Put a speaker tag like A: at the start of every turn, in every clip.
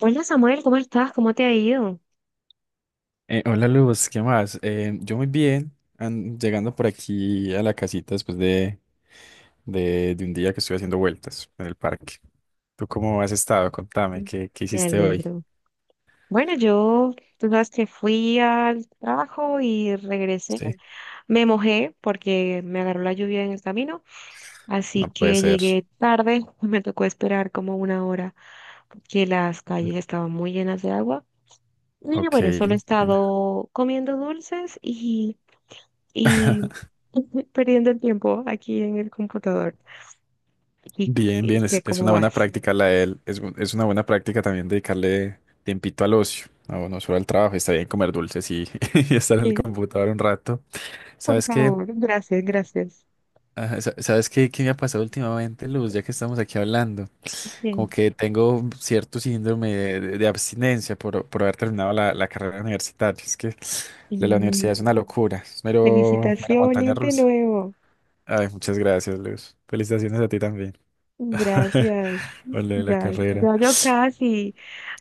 A: Hola Samuel, ¿cómo estás? ¿Cómo te ha ido?
B: Hola Luz, ¿qué más? Yo muy bien, llegando por aquí a la casita después de un día que estuve haciendo vueltas en el parque. ¿Tú cómo has estado? Contame,
A: Mm.
B: ¿qué
A: Me
B: hiciste hoy?
A: alegro. Bueno, tú sabes que fui al trabajo y regresé.
B: Sí,
A: Me mojé porque me agarró la lluvia en el camino, así
B: no puede
A: que
B: ser.
A: llegué tarde. Me tocó esperar como una hora porque las calles estaban muy llenas de agua. Y
B: Ok.
A: bueno, solo he
B: Bien,
A: estado comiendo dulces y perdiendo el tiempo aquí en el computador. ¿Y,
B: bien,
A: y
B: bien, es,
A: qué,
B: es
A: ¿cómo
B: una buena
A: vas?
B: práctica la de él. Es una buena práctica también dedicarle tiempito al ocio, no, no solo al trabajo. Está bien comer dulces y estar en el
A: Sí,
B: computador un rato.
A: por
B: ¿Sabes qué?
A: favor, gracias, gracias.
B: Ajá, ¿Sabes qué me ha pasado últimamente, Luz? Ya que estamos aquí hablando. Como
A: Bien.
B: que tengo cierto síndrome de abstinencia por haber terminado la carrera universitaria. Es que la universidad es
A: Mm,
B: una locura, es mera montaña
A: Felicitaciones de
B: rusa.
A: nuevo.
B: Ay, muchas gracias, Luz. Felicitaciones a ti también.
A: Gracias.
B: Por lo de la
A: Ya,
B: carrera.
A: ya yo casi.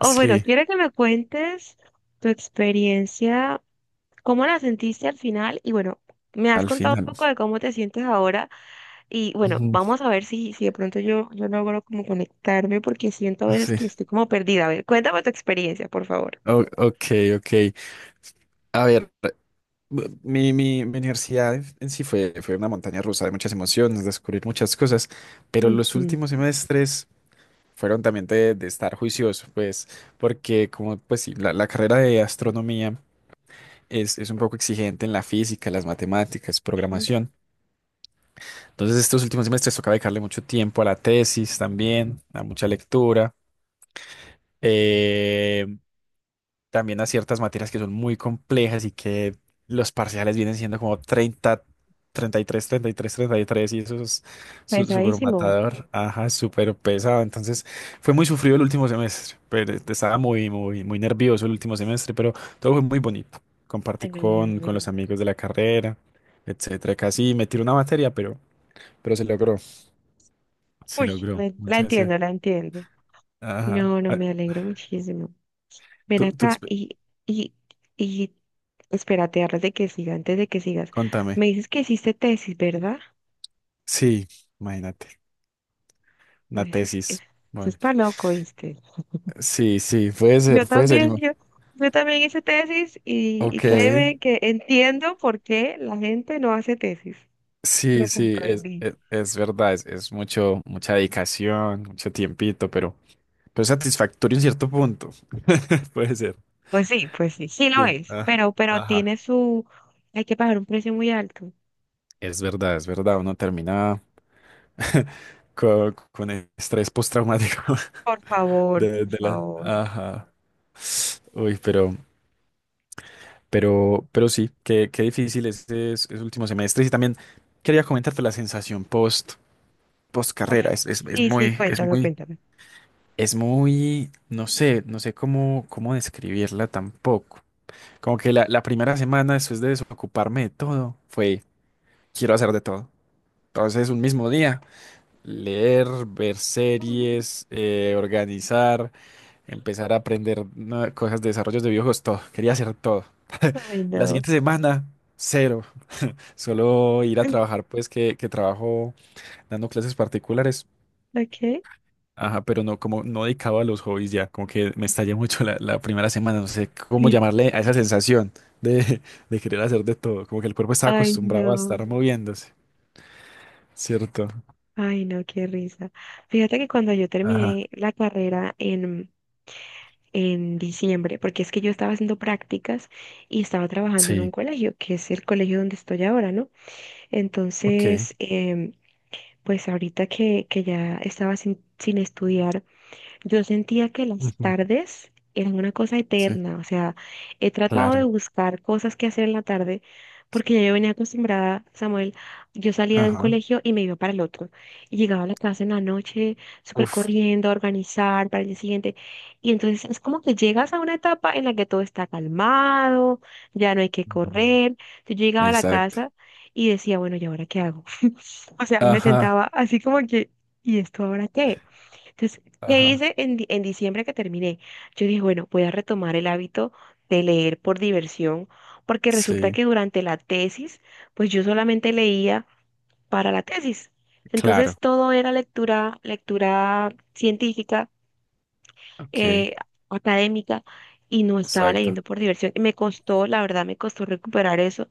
A: O bueno,
B: Sí,
A: quiero que me cuentes tu experiencia, cómo la sentiste al final y bueno, me has
B: al
A: contado un
B: final.
A: poco de cómo te sientes ahora y bueno,
B: Ujú.
A: vamos a ver si de pronto yo logro como conectarme porque siento a
B: Ah,
A: veces
B: sí,
A: que estoy como perdida. A ver, cuéntame tu experiencia, por favor.
B: Ok, ok. A ver, mi universidad en sí fue una montaña rusa de muchas emociones, descubrir muchas cosas, pero los
A: Ujú.
B: últimos semestres fueron también de estar juicioso, pues, porque como, pues sí, la carrera de astronomía es un poco exigente en la física, las matemáticas,
A: Sí,
B: programación. Entonces, estos últimos semestres toca dedicarle mucho tiempo a la tesis también, a mucha lectura. eh, También a ciertas materias que son muy complejas y que los parciales vienen siendo como 30, 33, 33, 33 y tres, treinta y tres y eso es súper
A: pesadísimo.
B: matador, ajá, súper pesado. Entonces fue muy sufrido el último semestre, pero estaba muy, muy, muy nervioso el último semestre, pero todo fue muy bonito. Compartí
A: Ay, me
B: con
A: alegro.
B: los amigos de la carrera, etcétera. Casi me tiró una materia, pero se logró. Se
A: Uy,
B: logró.
A: la
B: Muchas gracias.
A: entiendo, la entiendo.
B: Ajá.
A: No, no,
B: Ah,
A: me alegro muchísimo. Ven
B: tú- tú
A: acá
B: exp-
A: y, y espérate, antes de que siga, antes de que sigas.
B: contame.
A: Me dices que hiciste tesis, ¿verdad?
B: Sí, imagínate.
A: A
B: Una
A: veces,
B: tesis.
A: eso es
B: Bueno.
A: para loco, ¿viste?
B: Sí, sí, puede
A: Yo
B: ser, puede ser.
A: también, yo también hice tesis y
B: Ok,
A: créeme que entiendo por qué la gente no hace tesis.
B: sí,
A: Lo
B: sí, es,
A: comprendí.
B: es, es verdad, es mucho, mucha dedicación, mucho tiempito, pero satisfactorio en cierto punto. Puede ser,
A: Pues sí, sí lo
B: sí.
A: es, pero
B: Ajá.
A: tiene su, hay que pagar un precio muy alto.
B: Es verdad, uno termina con estrés postraumático
A: Por favor,
B: de,
A: por
B: de la...
A: favor,
B: Ajá. Uy, pero sí, qué difícil este es último semestre. Y también quería comentarte la sensación post, post
A: por
B: carrera.
A: favor.
B: Es, es, es
A: Sí, sí,
B: muy, es
A: cuéntame,
B: muy
A: cuéntame.
B: Es muy, no sé cómo describirla tampoco. Como que la primera semana después de desocuparme de todo fue, quiero hacer de todo. Entonces, un mismo día, leer, ver series, organizar, empezar a aprender cosas de desarrollos de videojuegos, todo. Quería hacer todo.
A: Ay,
B: La
A: no.
B: siguiente semana, cero. Solo ir a trabajar, pues que trabajo dando clases particulares.
A: Ok.
B: Ajá, pero no, como no dedicado a los hobbies ya, como que me estallé mucho la primera semana, no sé cómo llamarle a esa sensación de, de querer hacer de todo, como que el cuerpo estaba
A: Ay,
B: acostumbrado a
A: no.
B: estar moviéndose, ¿cierto?
A: Ay, no, qué risa. Fíjate que cuando yo
B: Ajá,
A: terminé la carrera en diciembre, porque es que yo estaba haciendo prácticas y estaba trabajando en un
B: sí,
A: colegio, que es el colegio donde estoy ahora, ¿no?
B: ok.
A: Entonces, pues ahorita que ya estaba sin estudiar. Yo sentía que las
B: Ujú,
A: tardes eran una cosa
B: sí,
A: eterna, o sea, he tratado de
B: claro.
A: buscar cosas que hacer en la tarde, porque ya yo venía acostumbrada, Samuel, yo salía de un
B: Ajá,
A: colegio y me iba para el otro, y llegaba a la casa en la noche, súper
B: uf.
A: corriendo, a organizar para el día siguiente, y entonces es como que llegas a una etapa en la que todo está calmado, ya no hay que
B: Ujú.
A: correr, yo llegaba a la
B: Exacto.
A: casa y decía, bueno, ¿y ahora qué hago? O sea, me
B: Ajá,
A: sentaba así como que, ¿y esto ahora qué? Entonces, ¿qué
B: ajá,
A: hice en diciembre que terminé? Yo dije, bueno, voy a retomar el hábito de leer por diversión, porque resulta
B: sí,
A: que durante la tesis, pues yo solamente leía para la tesis. Entonces,
B: claro.
A: todo era lectura, lectura científica,
B: Ok,
A: eh, académica, y no estaba
B: exacto.
A: leyendo por diversión. Y me costó, la verdad, me costó recuperar eso,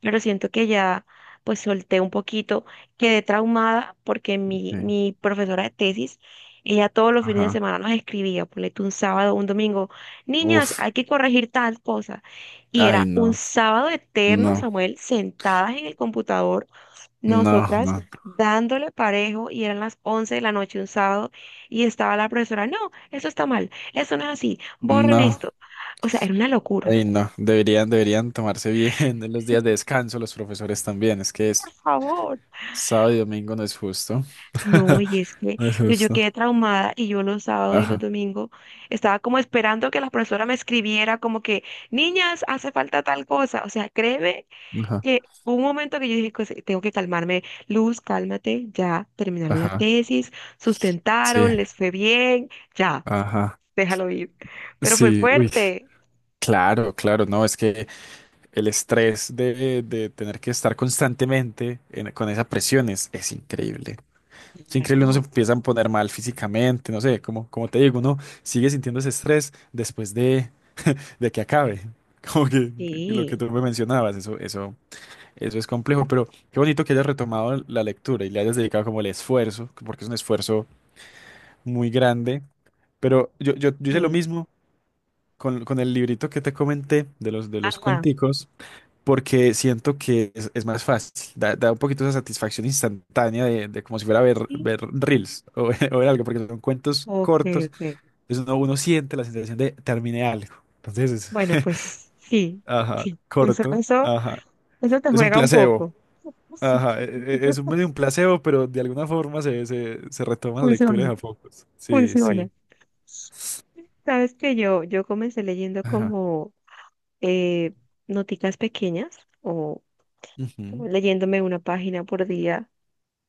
A: pero siento que ya pues solté un poquito, quedé traumada porque mi,
B: Sí,
A: mi profesora de tesis, ella todos los fines de
B: ajá,
A: semana nos escribía, ponle tú un sábado, un domingo, niñas,
B: uf.
A: hay que corregir tal cosa. Y
B: Ay,
A: era un
B: no,
A: sábado eterno,
B: no,
A: Samuel, sentadas en el computador,
B: no,
A: nosotras
B: no,
A: dándole parejo y eran las 11 de la noche un sábado y estaba la profesora, no, eso está mal, eso no es así, borren
B: no.
A: esto. O sea, era una locura.
B: Ay, no, deberían tomarse bien los días de descanso, los profesores también. Es que
A: Por
B: es
A: favor.
B: sábado y domingo, no es justo.
A: No, y es que
B: No es
A: yo
B: justo.
A: quedé traumada y yo los sábados y los
B: Ajá,
A: domingos estaba como esperando que la profesora me escribiera como que, niñas, hace falta tal cosa. O sea, créeme
B: ajá,
A: que hubo un momento que yo dije, "Pues, tengo que calmarme, Luz, cálmate, ya terminaron la
B: ajá,
A: tesis,
B: sí,
A: sustentaron, les fue bien, ya,
B: ajá,
A: déjalo ir. Pero fue
B: sí, uy.
A: fuerte.
B: Claro, claro, no, es que el estrés de tener que estar constantemente con esas presiones es increíble. Es increíble, uno
A: Claro,
B: se empieza a poner mal físicamente, no sé, como te digo, uno sigue sintiendo ese estrés después de que acabe. Como que lo que
A: sí.
B: tú me mencionabas, eso es complejo, pero qué bonito que hayas retomado la lectura y le hayas dedicado como el esfuerzo, porque es un esfuerzo muy grande. Pero yo hice lo
A: Sí.
B: mismo con el librito que te comenté de los
A: Ajá,
B: cuenticos, porque siento que es más fácil, da un poquito esa satisfacción instantánea de como si fuera ver,
A: sí.
B: ver reels ver algo, porque son cuentos
A: Ok,
B: cortos,
A: ok.
B: entonces uno siente la sensación de terminé algo. Entonces,
A: Bueno, pues sí,
B: ajá,
A: eso,
B: corto,
A: eso,
B: ajá.
A: eso te
B: Es un
A: juega un
B: placebo,
A: poco.
B: ajá. Es un, medio un placebo, pero de alguna forma se retoman lecturas
A: Funciona,
B: a pocos. Sí,
A: funciona.
B: sí.
A: Sabes que yo comencé leyendo
B: Ajá.
A: como eh, noticas pequeñas o
B: Ujú,
A: leyéndome una página por día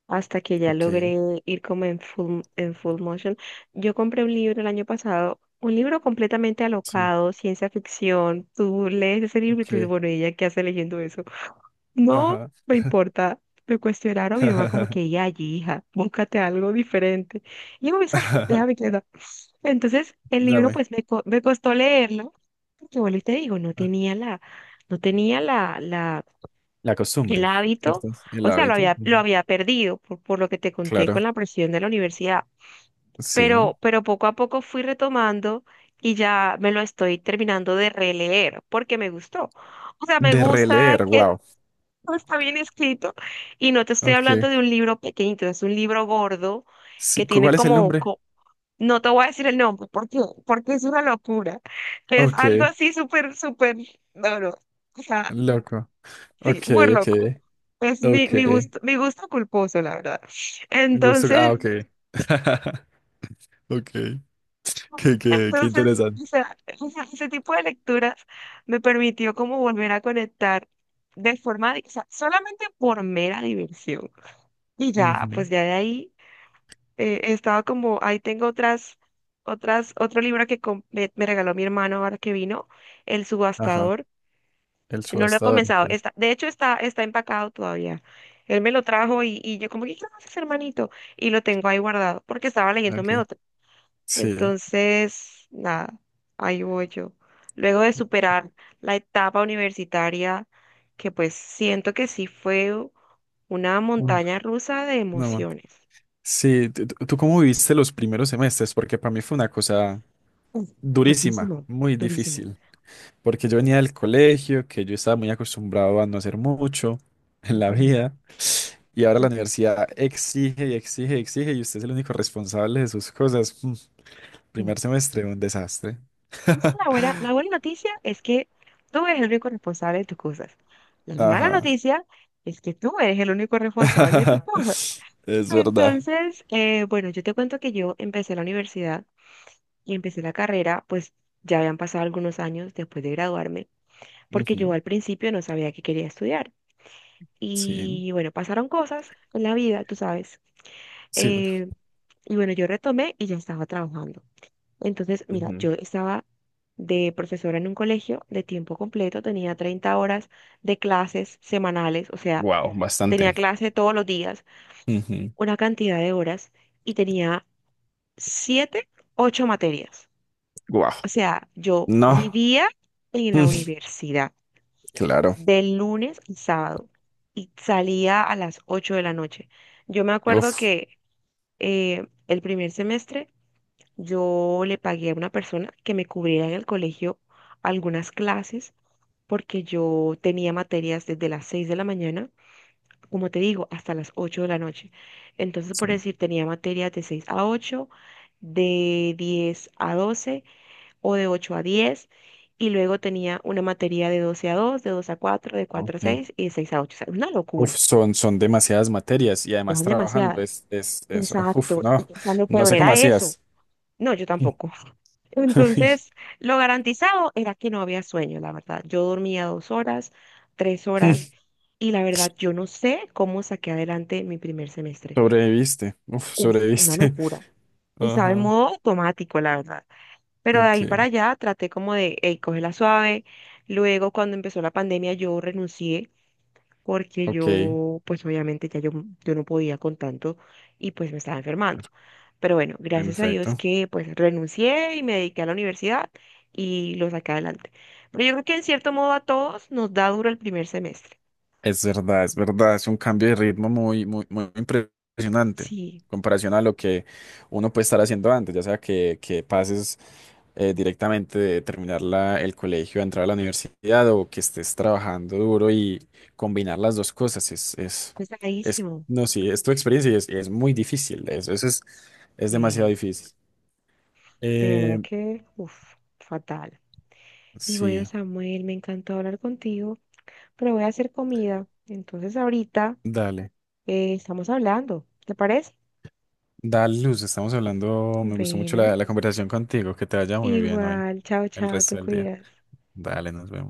A: hasta que ya
B: ok,
A: logré ir como en full motion. Yo compré un libro el año pasado, un libro completamente
B: sí,
A: alocado, ciencia ficción. Tú lees ese libro y
B: ok.
A: te dices, bueno, ¿y ella qué hace leyendo eso? No
B: Ajá.
A: me importa. Me cuestionaron, mi mamá como que, ya, hija, búscate algo diferente. Y yo, ¿sabes qué? Déjame quedar. Entonces, el libro
B: Dame.
A: pues me, me costó leerlo, porque bueno, y te digo, no
B: ah,
A: tenía la, no tenía la, la,
B: La
A: el
B: costumbre,
A: hábito,
B: ¿cierto? El
A: o sea,
B: hábito.
A: lo
B: Ujú,
A: había perdido por lo que te conté con
B: claro,
A: la presión de la universidad,
B: sí.
A: pero poco a poco fui retomando y ya me lo estoy terminando de releer, porque me gustó. O sea, me
B: De
A: gusta
B: releer,
A: que
B: wow.
A: todo está bien escrito y no te estoy
B: Ok.
A: hablando de un libro pequeñito, es un libro gordo que
B: Sí, ¿cu-
A: tiene
B: ¿cuál es el
A: como,
B: nombre?
A: no te voy a decir el nombre, porque, porque es una locura. Es
B: Ok,
A: algo así súper, súper, no, no, o sea,
B: loco.
A: sí,
B: Ok,
A: muy
B: ok,
A: loco. Es mi,
B: ok.
A: mi gusto culposo, la verdad.
B: Gusto. Ah,
A: Entonces,
B: ok. Ok, qué, qué, qué
A: entonces, o
B: interesante.
A: sea, ese tipo de lecturas me permitió como volver a conectar de forma, di- o sea, solamente por mera diversión. Y ya,
B: Ujú.
A: pues ya de ahí. Estaba como, ahí tengo otro libro que me regaló mi hermano ahora que vino, El
B: Ajá,
A: Subastador.
B: El
A: No lo he
B: subastador,
A: comenzado.
B: ok.
A: De hecho, está empacado todavía. Él me lo trajo y yo como, ¿qué haces, hermanito? Y lo tengo ahí guardado porque estaba leyéndome
B: Ok.
A: otro.
B: Sí,
A: Entonces, nada, ahí voy yo. Luego de superar la etapa universitaria, que pues siento que sí fue una
B: un-
A: montaña rusa de
B: una manta.
A: emociones.
B: Sí, ¿tú cómo viviste los primeros semestres? Porque para mí fue una cosa
A: Uf,
B: durísima,
A: fuertísimo,
B: muy
A: durísimo.
B: difícil. Porque yo venía del colegio, que yo estaba muy acostumbrado a no hacer mucho en la
A: Ujú,
B: vida, y ahora la universidad exige y exige y exige, y usted es el único responsable de sus cosas.
A: ujú.
B: Primer semestre, un desastre.
A: Esa es la buena noticia es que tú eres el único responsable de tus cosas. La mala
B: Ajá.
A: noticia es que tú eres el único responsable de tus cosas.
B: Es verdad.
A: Entonces, bueno, yo te cuento que yo empecé la universidad y empecé la carrera, pues ya habían pasado algunos años después de graduarme, porque yo al principio no sabía qué quería estudiar.
B: Sí,
A: Y bueno, pasaron cosas en la vida, tú sabes.
B: sí.
A: eh, y bueno, yo retomé y ya estaba trabajando. Entonces, mira, yo estaba de profesora en un colegio de tiempo completo, tenía 30 horas de clases semanales, o sea,
B: Wow,
A: tenía
B: bastante.
A: clase todos los días, una cantidad de horas y tenía 7, 8 materias.
B: Wow.
A: O sea, yo
B: No.
A: vivía en la
B: Mm,
A: universidad
B: claro.
A: de lunes a sábado y salía a las 8 de la noche. Yo me acuerdo
B: Uf.
A: que el primer semestre yo le pagué a una persona que me cubriera en el colegio algunas clases porque yo tenía materias desde las 6 de la mañana, como te digo, hasta las 8 de la noche. Entonces, por
B: Sí,
A: decir, tenía materias de 6 a ocho, de 10 a 12 o de 8 a diez, y luego tenía una materia de 12 a dos, de 2 a cuatro, de cuatro a
B: ok.
A: 6 y de 6 a ocho. O sea, una locura,
B: Uf, son demasiadas materias y además
A: eran
B: trabajando
A: demasiadas.
B: es, uf,
A: Exacto. Y,
B: no,
A: o sea, lo
B: no
A: peor
B: sé cómo
A: era eso.
B: hacías.
A: No, yo tampoco.
B: Ay,
A: Entonces, lo garantizado era que no había sueño, la verdad. Yo dormía 2 horas, 3 horas, y la verdad, yo no sé cómo saqué adelante mi primer semestre.
B: sobreviviste, uf,
A: Uf, una
B: sobreviviste.
A: locura. Estaba en
B: Ajá,
A: modo automático, la verdad. Pero de ahí para
B: ok,
A: allá traté como de, hey, la suave. Luego, cuando empezó la pandemia, yo renuncié porque
B: ok,
A: yo, pues obviamente ya yo no podía con tanto y pues me estaba enfermando. Pero bueno, gracias a Dios
B: perfecto.
A: que pues renuncié y me dediqué a la universidad y lo saqué adelante. Pero yo creo que en cierto modo a todos nos da duro el primer semestre.
B: Es verdad, es verdad, es un cambio de ritmo muy, muy, muy impresionante en
A: Sí,
B: comparación a lo que uno puede estar haciendo antes, ya sea que pases directamente de terminar el colegio a entrar a la universidad o que estés trabajando duro y combinar las dos cosas es
A: pesadísimo.
B: no, sí, es tu experiencia y es muy difícil, eso es demasiado
A: eh,
B: difícil.
A: de
B: Eh,
A: verdad que, uff, fatal. Y bueno,
B: sí,
A: Samuel, me encantó hablar contigo, pero voy a hacer comida. Entonces ahorita
B: dale.
A: estamos hablando, ¿te parece?
B: Dale, Luz, estamos hablando. Me gustó mucho
A: Bueno,
B: la conversación contigo. Que te vaya muy bien hoy,
A: igual, chao,
B: el
A: chao, te
B: resto del día.
A: cuidas.
B: Dale, nos vemos.